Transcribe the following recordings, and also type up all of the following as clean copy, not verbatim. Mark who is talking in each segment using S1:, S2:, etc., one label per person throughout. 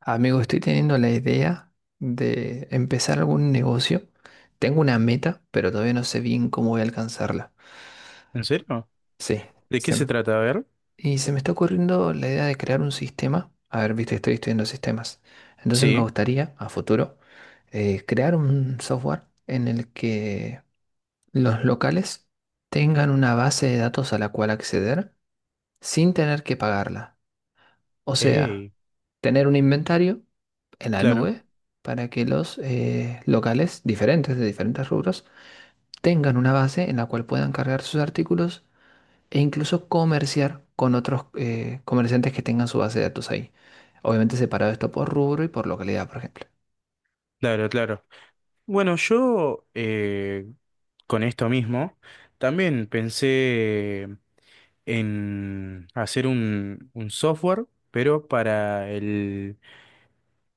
S1: Amigo, estoy teniendo la idea de empezar algún negocio. Tengo una meta, pero todavía no sé bien cómo voy a alcanzarla.
S2: ¿En serio?
S1: Sí,
S2: ¿De qué
S1: se
S2: se
S1: m-
S2: trata? A ver.
S1: y se me está ocurriendo la idea de crear un sistema. A ver, viste, estoy estudiando sistemas. Entonces me
S2: Sí.
S1: gustaría, a futuro, crear un software en el que los locales tengan una base de datos a la cual acceder sin tener que pagarla. O sea,
S2: Ey,
S1: tener un inventario en la
S2: claro,
S1: nube para que los locales diferentes de diferentes rubros tengan una base en la cual puedan cargar sus artículos e incluso comerciar con otros comerciantes que tengan su base de datos ahí. Obviamente separado esto por rubro y por localidad, por ejemplo.
S2: claro, claro. Bueno, yo con esto mismo también pensé en hacer un software, pero para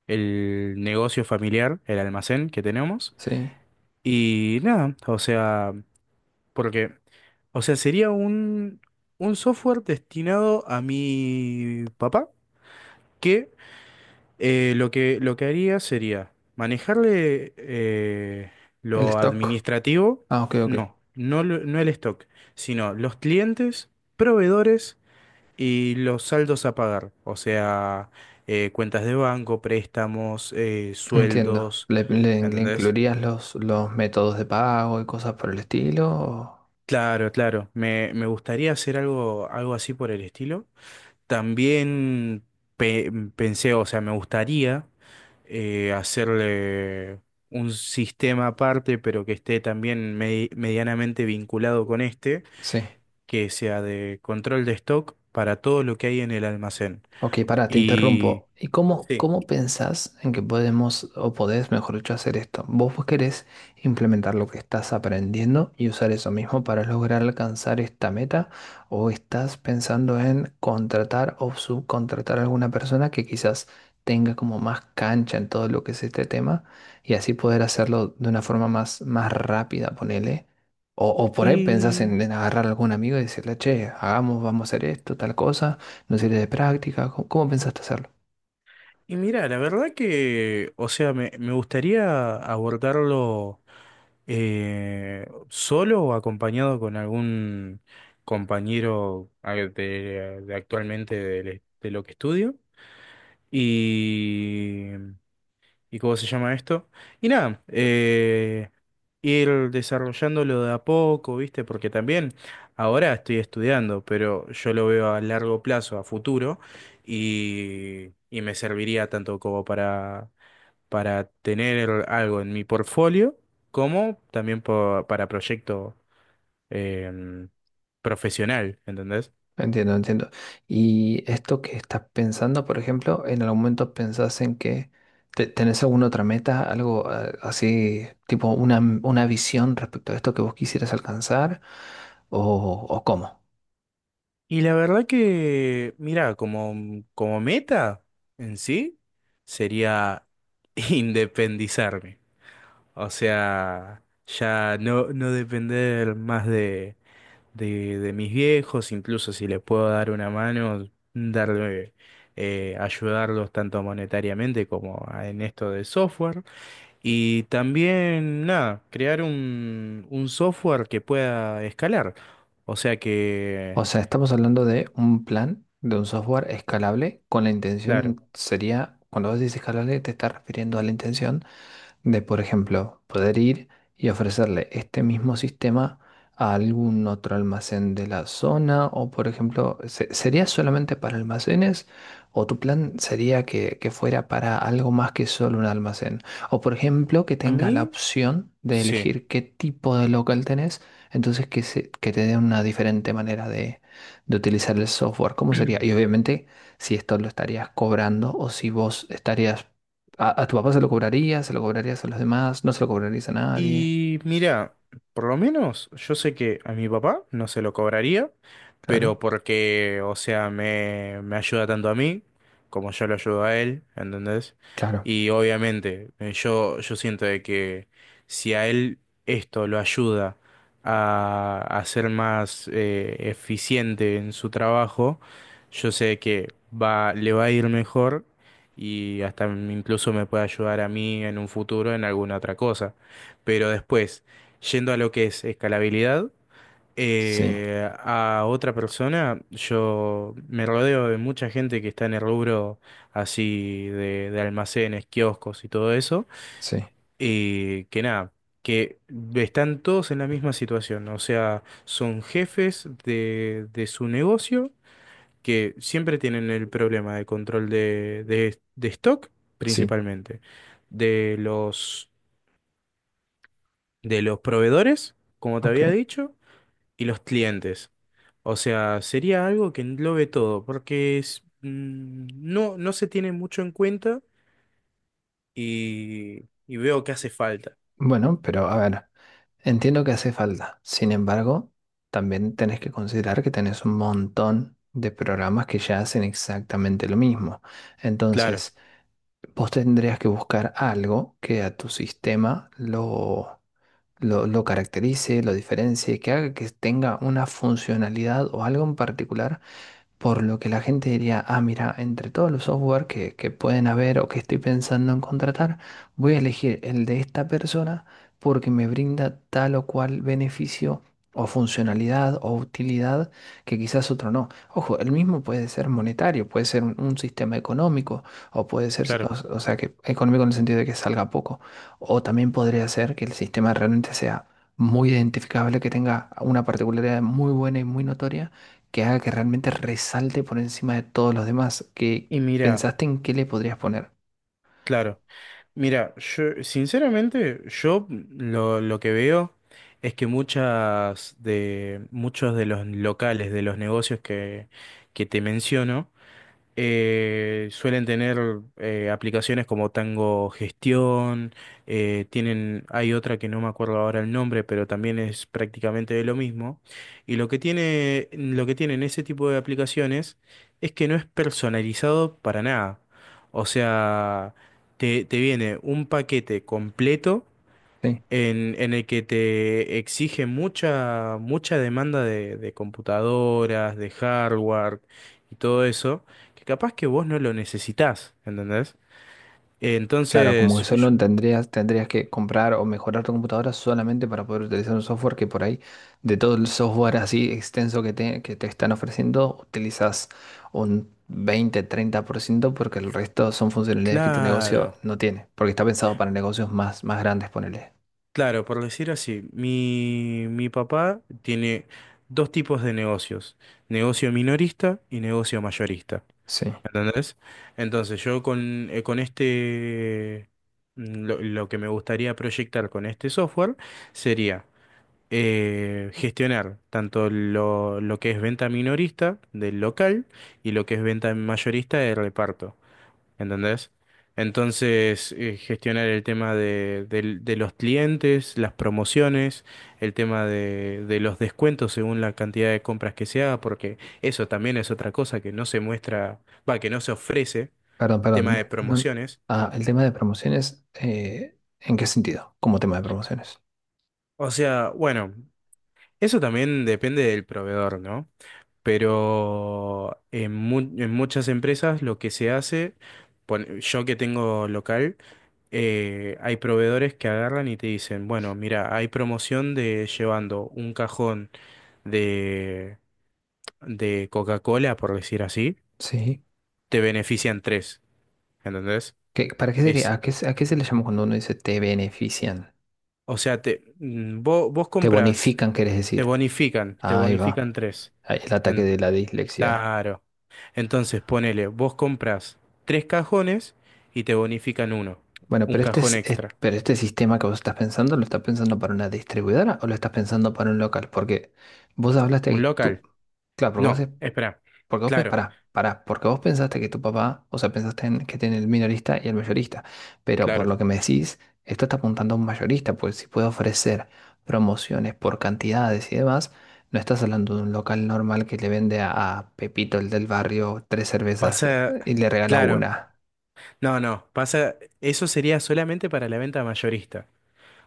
S2: el negocio familiar, el almacén que tenemos.
S1: Sí,
S2: Y nada, o sea, porque, o sea, sería un software destinado a mi papá. que lo que haría sería manejarle
S1: el
S2: lo
S1: stock.
S2: administrativo,
S1: Ah, ok, ok.
S2: no el stock, sino los clientes, proveedores y los saldos a pagar, o sea, cuentas de banco, préstamos,
S1: Entiendo.
S2: sueldos,
S1: ¿Le
S2: ¿entendés?
S1: incluirías los métodos de pago y cosas por el estilo?
S2: Claro, claro, me gustaría hacer algo así por el estilo. También pe- pensé, o sea, me gustaría hacerle un sistema aparte, pero que esté también medianamente vinculado con este,
S1: Sí.
S2: que sea de control de stock para todo lo que hay en el almacén.
S1: Ok, pará, te
S2: Y
S1: interrumpo. ¿Y cómo,
S2: sí.
S1: cómo pensás en que podemos, o podés, mejor dicho, hacer esto? Vos querés implementar lo que estás aprendiendo y usar eso mismo para lograr alcanzar esta meta, o estás pensando en contratar o subcontratar a alguna persona que quizás tenga como más cancha en todo lo que es este tema y así poder hacerlo de una forma más, más rápida, ponele. O por ahí pensás
S2: Y
S1: en agarrar a algún amigo y decirle, che, hagamos, vamos a hacer esto, tal cosa, una serie de prácticas. ¿Cómo, cómo pensaste hacerlo?
S2: mira, la verdad que, o sea, me gustaría abordarlo ¿solo o acompañado con algún compañero de actualmente de lo que estudio? Y ¿y cómo se llama esto? Y nada, ir desarrollándolo de a poco, ¿viste? Porque también ahora estoy estudiando, pero yo lo veo a largo plazo, a futuro, y me serviría tanto como para tener algo en mi portfolio, como también para proyecto em, profesional, ¿entendés?
S1: Entiendo, entiendo. Y esto que estás pensando, por ejemplo, ¿en algún momento pensás en que tenés alguna otra meta, algo así, tipo una visión respecto a esto que vos quisieras alcanzar? ¿O, o cómo?
S2: Y la verdad que, mira, como, como meta en sí, sería independizarme. O sea, ya no depender más de, de mis viejos, incluso si les puedo dar una mano, darle, ayudarlos tanto monetariamente como en esto de software. Y también, nada, crear un software que pueda escalar. O sea que,
S1: O sea, estamos hablando de un plan, de un software escalable, con la
S2: claro.
S1: intención, sería, cuando vos dices escalable, te estás refiriendo a la intención de, por ejemplo, poder ir y ofrecerle este mismo sistema a algún otro almacén de la zona o, por ejemplo, ¿sería solamente para almacenes o tu plan sería que fuera para algo más que solo un almacén? O, por ejemplo, que
S2: A
S1: tengas la
S2: mí.
S1: opción de
S2: Sí.
S1: elegir qué tipo de local tenés, entonces que, que te dé una diferente manera de utilizar el software. ¿Cómo sería? Y obviamente si esto lo estarías cobrando o si vos estarías ¿a, a tu papá se lo cobrarías? ¿Se lo cobrarías a los demás? ¿No se lo cobrarías a nadie?
S2: Y mira, por lo menos yo sé que a mi papá no se lo cobraría,
S1: Claro,
S2: pero porque, o sea, me ayuda tanto a mí como yo lo ayudo a él, ¿entendés?
S1: claro.
S2: Y obviamente, yo siento de que si a él esto lo ayuda a ser más eficiente en su trabajo, yo sé que va, le va a ir mejor y hasta incluso me puede ayudar a mí en un futuro en alguna otra cosa. Pero después, yendo a lo que es escalabilidad,
S1: Sí,
S2: a otra persona, yo me rodeo de mucha gente que está en el rubro así de almacenes, kioscos y todo eso,
S1: sí,
S2: y que nada, que están todos en la misma situación, o sea, son jefes de su negocio que siempre tienen el problema de control de, de stock
S1: sí.
S2: principalmente de los de los proveedores, como te había
S1: Ok.
S2: dicho, y los clientes. O sea, sería algo que englobe todo, porque es, mm, no se tiene mucho en cuenta y veo que hace falta.
S1: Bueno, pero a ver, entiendo que hace falta. Sin embargo, también tenés que considerar que tenés un montón de programas que ya hacen exactamente lo mismo.
S2: Claro,
S1: Entonces, vos tendrías que buscar algo que a tu sistema lo caracterice, lo diferencie, que haga que tenga una funcionalidad o algo en particular. Por lo que la gente diría, ah, mira, entre todos los software que pueden haber o que estoy pensando en contratar, voy a elegir el de esta persona porque me brinda tal o cual beneficio o funcionalidad o utilidad que quizás otro no. Ojo, el mismo puede ser monetario, puede ser un sistema económico o puede ser,
S2: claro.
S1: o sea, que económico en el sentido de que salga poco. O también podría ser que el sistema realmente sea muy identificable, que tenga una particularidad muy buena y muy notoria que haga que realmente resalte por encima de todos los demás. Que
S2: Y mira,
S1: pensaste en qué le podrías poner.
S2: claro, mira, yo sinceramente, lo que veo es que muchos de los locales, de los negocios que te menciono, suelen tener aplicaciones como Tango Gestión, tienen, hay otra que no me acuerdo ahora el nombre, pero también es prácticamente de lo mismo. Y lo que tienen ese tipo de aplicaciones es que no es personalizado para nada. O sea, te viene un paquete completo
S1: Sí.
S2: en el que te exige mucha demanda de computadoras, de hardware y todo eso, que capaz que vos no lo necesitás, ¿entendés?
S1: Claro, como que
S2: Entonces,
S1: solo
S2: yo-
S1: tendrías, tendrías que comprar o mejorar tu computadora solamente para poder utilizar un software que por ahí, de todo el software así extenso que te están ofreciendo, utilizas un 20 30% porque el resto son funcionalidades que tu negocio
S2: claro,
S1: no tiene, porque está pensado para negocios más, más grandes, ponele.
S2: claro, por decir así, mi papá tiene dos tipos de negocios, negocio minorista y negocio mayorista,
S1: Sí.
S2: ¿entendés? Entonces, con este, mm, lo que me gustaría proyectar con este software, sería gestionar tanto lo que es venta minorista del local y lo que es venta mayorista del reparto, ¿entendés? Entonces, gestionar el tema de los clientes, las promociones, el tema de los descuentos según la cantidad de compras que se haga, porque eso también es otra cosa que no se muestra, va, que no se ofrece,
S1: Perdón,
S2: el tema de
S1: perdón.
S2: promociones.
S1: Ah, el tema de promociones, ¿en qué sentido? Como tema de promociones.
S2: O sea, bueno, eso también depende del proveedor, ¿no? Pero en muchas empresas lo que se hace, yo que tengo local, hay proveedores que agarran y te dicen, bueno, mira, hay promoción de llevando un cajón de, de Coca-Cola, por decir así,
S1: Sí.
S2: te benefician tres, ¿entendés?
S1: ¿Qué, para qué sería?
S2: Es,
S1: ¿A qué, a qué se le llama cuando uno dice te benefician?
S2: o sea, vos
S1: Te
S2: compras,
S1: bonifican, quieres decir.
S2: te
S1: Ahí va.
S2: bonifican tres.
S1: Ahí el ataque
S2: En
S1: de la dislexia.
S2: claro. Entonces, ponele, vos compras tres cajones y te bonifican uno,
S1: Bueno,
S2: un
S1: pero este,
S2: cajón
S1: es,
S2: extra,
S1: pero este sistema que vos estás pensando, ¿lo estás pensando para una distribuidora o lo estás pensando para un local? Porque vos hablaste que
S2: un
S1: tú,
S2: local.
S1: claro, porque vos
S2: No, espera,
S1: porque vos,
S2: claro,
S1: pará, pará, porque vos pensaste que tu papá, o sea, pensaste en, que tiene el minorista y el mayorista, pero por
S2: claro,
S1: lo que me decís, esto está apuntando a un mayorista, pues si puede ofrecer promociones por cantidades y demás, no estás hablando de un local normal que le vende a Pepito, el del barrio, tres cervezas
S2: pasa,
S1: y le regala
S2: claro,
S1: una.
S2: no, no, pasa, eso sería solamente para la venta mayorista.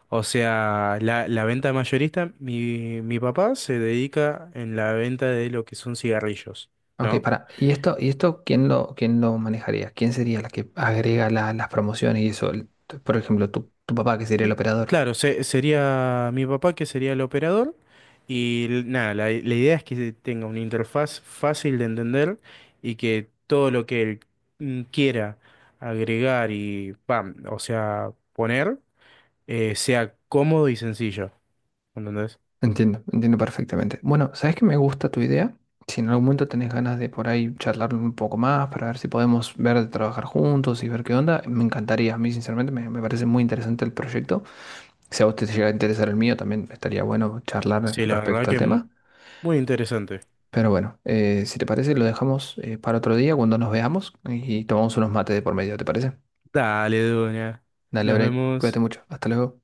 S2: O sea, la venta mayorista, mi papá se dedica en la venta de lo que son cigarrillos,
S1: Ok,
S2: ¿no?
S1: pará, y esto quién lo manejaría? ¿Quién sería la que agrega las promociones y eso? El- por ejemplo, tu papá, que sería el operador.
S2: Claro, sería mi papá que sería el operador nada, la idea es que tenga una interfaz fácil de entender y que todo lo que él mm, quiera agregar y pam, o sea, poner sea cómodo y sencillo, ¿entendés?
S1: Entiendo, entiendo perfectamente. Bueno, ¿sabes que me gusta tu idea? Si en algún momento tenés ganas de por ahí charlar un poco más para ver si podemos ver de trabajar juntos y ver qué onda, me encantaría. A mí, sinceramente, me parece muy interesante el proyecto. Si a vos te llega a interesar el mío, también estaría bueno charlar
S2: Sí, la verdad
S1: respecto
S2: que
S1: al tema.
S2: muy interesante.
S1: Pero bueno, si te parece, lo dejamos para otro día cuando nos veamos y tomamos unos mates de por medio, ¿te parece?
S2: Dale, Duña,
S1: Dale,
S2: nos
S1: Bre,
S2: vemos.
S1: cuídate mucho. Hasta luego.